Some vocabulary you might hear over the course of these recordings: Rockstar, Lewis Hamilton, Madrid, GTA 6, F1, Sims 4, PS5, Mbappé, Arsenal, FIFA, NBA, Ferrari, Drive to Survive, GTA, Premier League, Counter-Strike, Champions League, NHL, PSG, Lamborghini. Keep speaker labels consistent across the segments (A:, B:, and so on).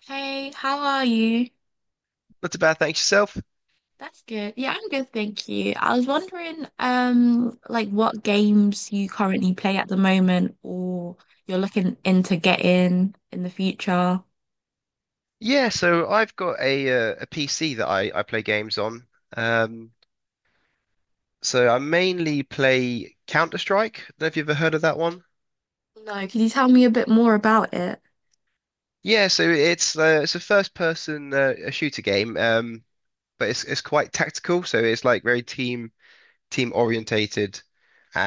A: Hey, how are you?
B: Not too bad, thanks yourself.
A: That's good. Yeah, I'm good, thank you. I was wondering, like what games you currently play at the moment or you're looking into getting in the future.
B: Yeah, so I've got a PC that I play games on. Um, so I mainly play Counter-Strike. Don't know if you've ever heard of that one.
A: No, could you tell me a bit more about it?
B: Yeah, so it's a first-person a shooter game, but it's quite tactical. So it's like very team orientated,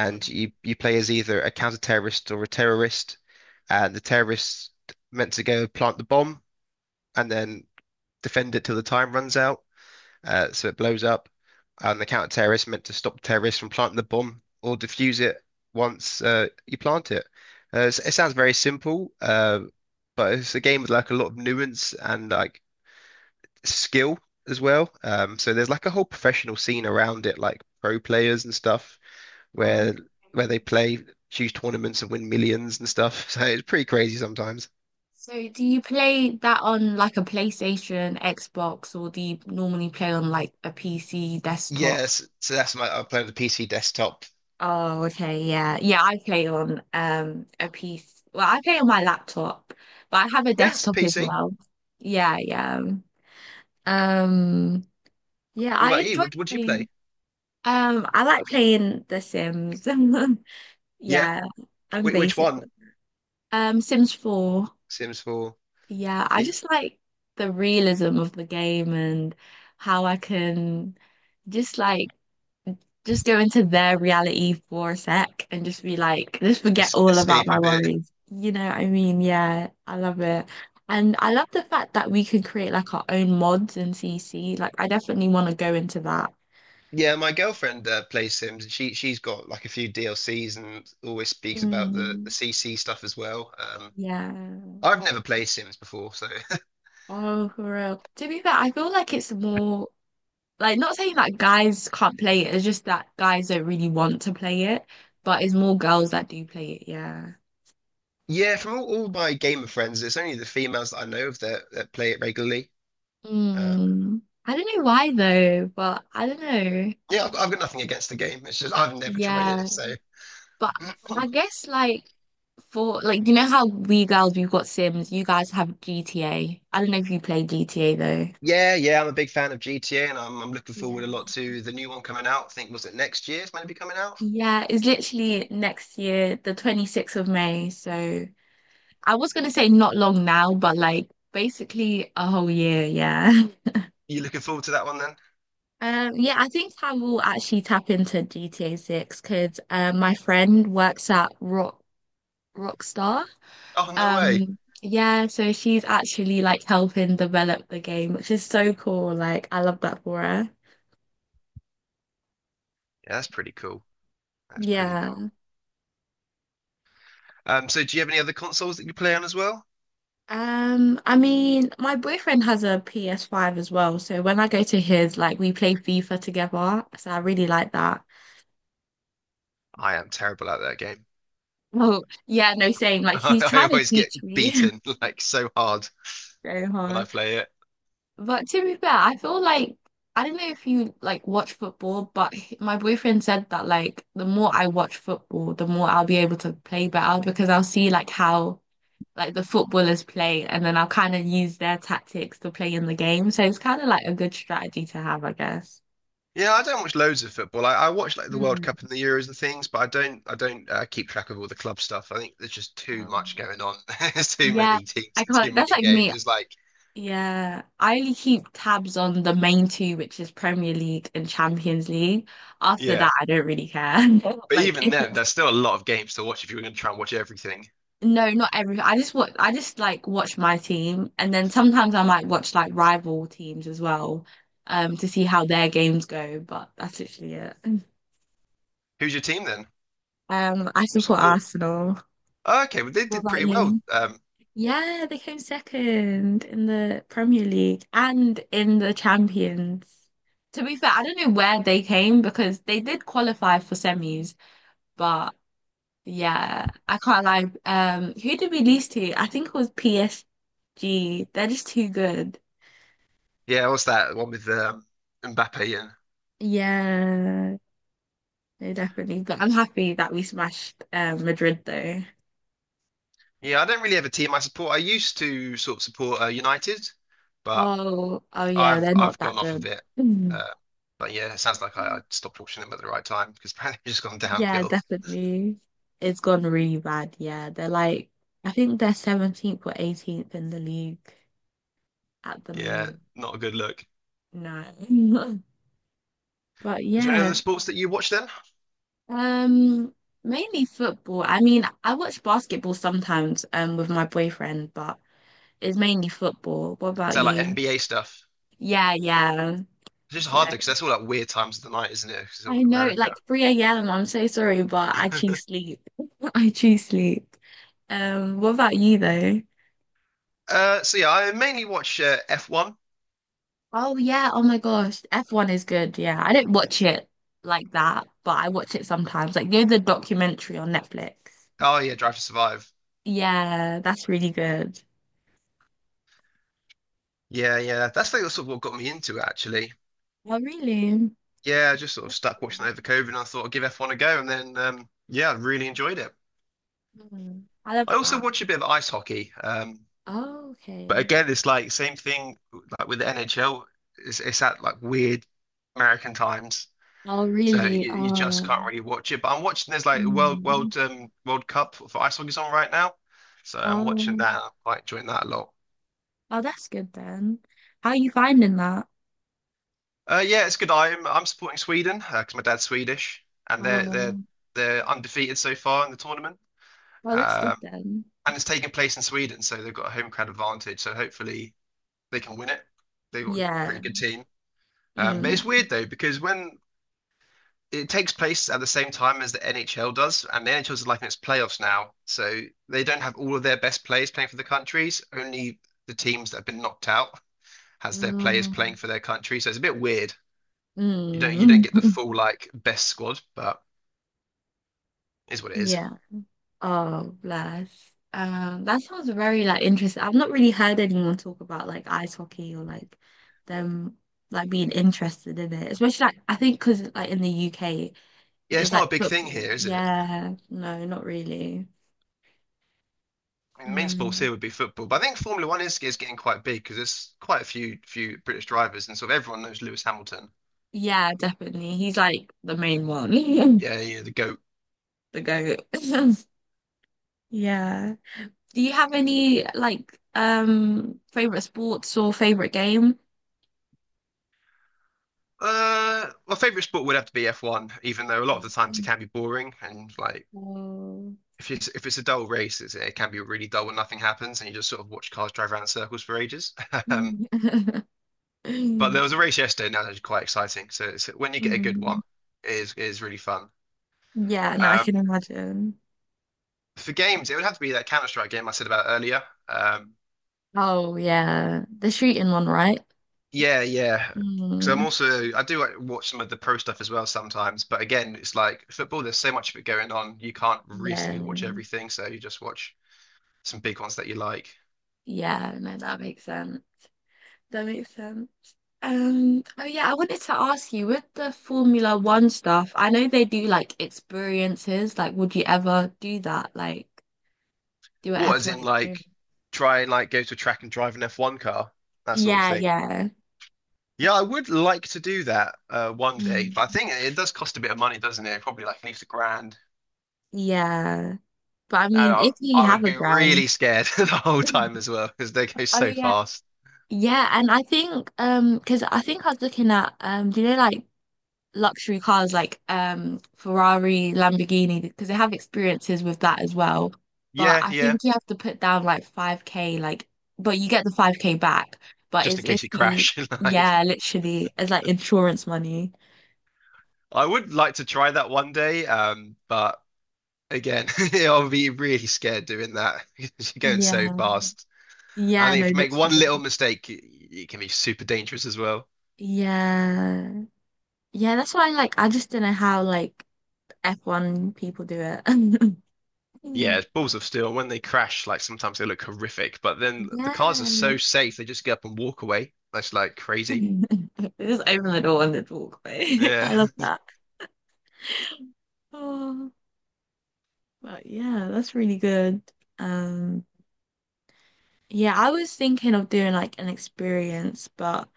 A: Hmm.
B: you play as either a counter-terrorist or a terrorist, and the terrorists meant to go plant the bomb and then defend it till the time runs out. So it blows up, and the counter-terrorists meant to stop terrorists from planting the bomb or defuse it once you plant it. It sounds very simple, but it's a game with like a lot of nuance and like skill as well. So there's like a whole professional scene around it, like pro players and stuff,
A: Um,
B: where where they play huge tournaments and win millions and stuff. So it's pretty crazy sometimes.
A: so do you play that on like a PlayStation, Xbox, or do you normally play on like a PC desktop?
B: Yes, so that's my I play on the PC desktop.
A: Oh, okay, yeah. Yeah, I play on a piece. Well, I play on my laptop, but I have a
B: Yes,
A: desktop as
B: PC.
A: well. Yeah, yeah. Um, yeah,
B: What
A: I
B: about you?
A: enjoy
B: What would you
A: playing.
B: play?
A: I like playing The Sims.
B: Yeah.
A: Yeah, I'm
B: Which
A: basic.
B: one?
A: Sims 4.
B: Sims 4.
A: Yeah, I
B: Yeah,
A: just like the realism of the game and how I can just like just go into their reality for a sec and just be like, just forget all about
B: escape a
A: my
B: bit.
A: worries. You know what I mean? Yeah, I love it. And I love the fact that we can create like our own mods in CC. Like, I definitely want to go into that.
B: Yeah, my girlfriend plays Sims. And She she's got like a few DLCs and always speaks about the
A: Mm,
B: CC stuff as well.
A: yeah.
B: I've never played Sims before, so
A: Oh, for real. To be fair, I feel like it's more like, not saying that guys can't play it, it's just that guys don't really want to play it, but it's more girls that do play it, yeah.
B: yeah. From all my gamer friends, it's only the females that I know of that play it regularly. Uh,
A: Mm. I don't know why though, but I don't know.
B: yeah, I've got nothing against the game. It's just I've never tried
A: Yeah,
B: it, so
A: but I guess like, for like, you know how we girls, we've got Sims, you guys have GTA. I don't know if you play GTA though.
B: yeah, yeah. I'm a big fan of GTA, and I'm looking
A: Yeah.
B: forward a lot to the new one coming out. I think was it next year's maybe coming out.
A: Yeah, it's literally next year, the 26th of May. So I was gonna say not long now, but like basically a whole year, yeah.
B: You looking forward to that one?
A: Yeah, I think I will actually tap into GTA 6 because my friend works at Rockstar.
B: Oh, no way.
A: Yeah, so she's actually like helping develop the game, which is so cool. Like, I love that for her.
B: Yeah, that's pretty cool. That's pretty cool.
A: Yeah.
B: So do you have any other consoles that you play on as well?
A: I mean, my boyfriend has a PS5 as well, so when I go to his, like, we play FIFA together. So I really like that.
B: I am terrible at that game.
A: Oh, yeah, no, same. Like, he's
B: I
A: trying to
B: always get
A: teach me
B: beaten like so hard
A: so
B: when I
A: hard.
B: play it.
A: But to be fair, I feel like I don't know if you like watch football, but my boyfriend said that like the more I watch football, the more I'll be able to play better because I'll see like how like the footballers play and then I'll kind of use their tactics to play in the game. So it's kind of like a good strategy to have, I guess.
B: Yeah, I don't watch loads of football. I watch like the World
A: Hmm.
B: Cup and the Euros and things, but I don't keep track of all the club stuff. I think there's just too
A: Um,
B: much going on. There's too
A: yeah,
B: many teams
A: I
B: and too
A: can't. That's
B: many
A: like me.
B: games. It's like,
A: Yeah, I only keep tabs on the main two, which is Premier League and Champions League. After
B: yeah.
A: that, I don't really care.
B: But
A: Like,
B: even
A: if
B: then, there's still a lot of games to watch if you were going to try and watch everything.
A: no, not everything. I just watch. I just like watch my team, and then sometimes I might watch like rival teams as well, to see how their games go. But that's literally it.
B: Who's your team then?
A: I
B: You
A: support
B: support?
A: Arsenal.
B: Oh, okay, well they
A: What
B: did
A: about
B: pretty well
A: you? Yeah, they came second in the Premier League and in the Champions. To be fair, I don't know where they came because they did qualify for semis, but yeah, I can't lie. Who did we lose to? I think it was PSG. They're just too good.
B: yeah, what's that one with Mbappe and
A: Yeah, they definitely. But I'm happy that we smashed Madrid though.
B: yeah, I don't really have a team I support. I used to sort of support United, but
A: Oh, oh yeah,
B: I've
A: they're not
B: I've
A: that
B: gone off of
A: good.
B: it.
A: Mm.
B: Uh, but yeah, it sounds like I stopped watching them at the right time because apparently it's just gone
A: Yeah,
B: downhill.
A: definitely. It's gone really bad. Yeah, they're like, I think they're 17th or 18th in the league at the
B: Yeah,
A: moment.
B: not a good look.
A: No. But
B: Is there any
A: yeah.
B: other sports that you watch then? Is
A: Um, mainly football. I mean, I watch basketball sometimes, with my boyfriend, but it's mainly football. What about
B: that like
A: you?
B: NBA stuff?
A: Yeah, yeah.
B: It's just
A: So
B: hard though because that's all like weird times of the night, isn't it? Because it's all
A: I
B: in
A: know,
B: America.
A: like, 3 a.m. I'm so sorry, but I choose sleep. I choose sleep. What about you though?
B: So yeah, I mainly watch F1.
A: Oh yeah, oh my gosh. F1 is good, yeah. I don't watch it like that, but I watch it sometimes. Like, you know the documentary on Netflix.
B: Oh yeah, Drive to Survive.
A: Yeah, that's really good.
B: Yeah, yeah, that's like sort of what got me into it actually.
A: Oh, really?
B: Yeah, I just sort of stuck watching that over COVID, and I thought I'd give F1 a go, and then yeah, I really enjoyed it.
A: Mm, I love
B: I also
A: that.
B: watch a bit of ice hockey,
A: Oh,
B: but
A: okay.
B: again, it's like same thing like with the NHL. It's at like weird American times,
A: Oh,
B: so
A: really?
B: you just can't really watch it. But I'm watching there's like
A: Mm,
B: World Cup for ice hockey's on right now, so I'm watching
A: um,
B: that. I'm quite enjoying that a lot.
A: oh, that's good then. How are you finding that?
B: Yeah, it's good. I'm supporting Sweden because my dad's Swedish, and they're they're
A: Um,
B: they're undefeated so far in the tournament.
A: oh, that's good
B: Uh,
A: then.
B: and it's taking place in Sweden, so they've got a home crowd advantage. So hopefully they can win it. They've got a
A: Yeah.
B: pretty good team. But
A: Mm,
B: it's weird though because when it takes place at the same time as the NHL does, and the NHL is like in its playoffs now, so they don't have all of their best players playing for the countries. Only the teams that have been knocked out has their players
A: mm,
B: playing for their country. So it's a bit weird. You don't
A: mm.
B: get the full like best squad, but it is what it is.
A: Yeah. Oh, bless. That sounds very like interesting. I've not really heard anyone talk about like ice hockey or like them like being interested in it, especially like I think because like in the UK.
B: Yeah,
A: Is
B: it's not a
A: like
B: big thing here,
A: football.
B: is it?
A: Yeah, no, not really.
B: I mean, the main sports
A: No.
B: here would be football, but I think Formula One is getting quite big because there's quite a few British drivers, and sort of everyone knows Lewis Hamilton.
A: Yeah, definitely. He's like the main one,
B: Yeah, yeah, the GOAT.
A: the goat. Yeah. Do you have any like favorite sports or favorite game?
B: My favorite sport would have to be F1, even though a lot of the times it
A: Yeah.
B: can be boring and like
A: Oh.
B: if it's a dull race, it can be really dull when nothing happens and you just sort of watch cars drive around in circles for ages. Um, but there was a race yesterday, now that's quite exciting. When you get a good one,
A: Mm.
B: it is really fun.
A: Yeah, no, I
B: Um,
A: can imagine.
B: for games, it would have to be that Counter-Strike game I said about earlier. Um,
A: Oh yeah, the shooting one, right?
B: Yeah, yeah. Because I'm
A: Mm.
B: also I do like, watch some of the pro stuff as well sometimes, but again, it's like football. There's so much of it going on. You can't
A: Yeah.
B: realistically watch everything, so you just watch some big ones that you like.
A: Yeah, no, that makes sense. That makes sense. Oh yeah, I wanted to ask you with the Formula One stuff, I know they do like experiences. Like, would you ever do that? Like, do an
B: What, as
A: F1
B: in
A: experience?
B: like try and like go to a track and drive an F1 car, that sort of
A: Yeah,
B: thing.
A: yeah.
B: Yeah, I would like to do that one day, but
A: Mm.
B: I think it does cost a bit of money, doesn't it? Probably like at least a grand.
A: Yeah. But I
B: And
A: mean, if you
B: I would
A: have a
B: be
A: grand.
B: really scared the whole time as well because they go
A: Oh
B: so
A: yeah.
B: fast.
A: Yeah, and I think because I think I was looking at do you know like luxury cars like Ferrari, Lamborghini, because they have experiences with that as well. But
B: Yeah,
A: I
B: yeah.
A: think you have to put down like 5K, like, but you get the 5K back. But
B: Just
A: it's
B: in
A: if
B: case you
A: you,
B: crash, like.
A: yeah, literally, it's like insurance money.
B: I would like to try that one day, but again, I'll be really scared doing that because you're going so
A: Yeah.
B: fast. I
A: Yeah,
B: think
A: no,
B: if you make one
A: literally.
B: little mistake, it can be super dangerous as well.
A: Yeah. Yeah, that's why like I just don't know how like F1 people do it.
B: Yeah, it's balls of steel. When they crash, like sometimes they look horrific, but then the cars are
A: Yeah.
B: so safe they just get up and walk away. That's like crazy.
A: Just open the door and then walk away. I
B: Yeah,
A: love that. Oh. But yeah, that's really good. Um, yeah, I was thinking of doing like an experience, but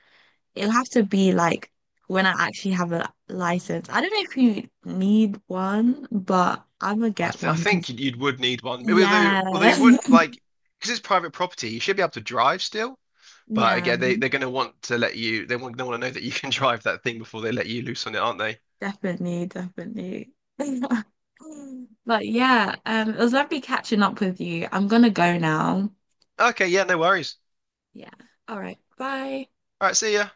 A: it'll have to be like when I actually have a license. I don't know if you need one, but I'm gonna get
B: I
A: one
B: think
A: because
B: you'd would need one.
A: yeah,
B: Although you wouldn't like because it's private property, you should be able to drive still. But
A: yeah,
B: again, they're going to want to let you, they want to know that you can drive that thing before they let you loose on it, aren't they?
A: definitely, definitely. But yeah, it was lovely catching up with you. I'm gonna go now.
B: Okay, yeah, no worries.
A: Yeah. All right. Bye.
B: All right, see ya.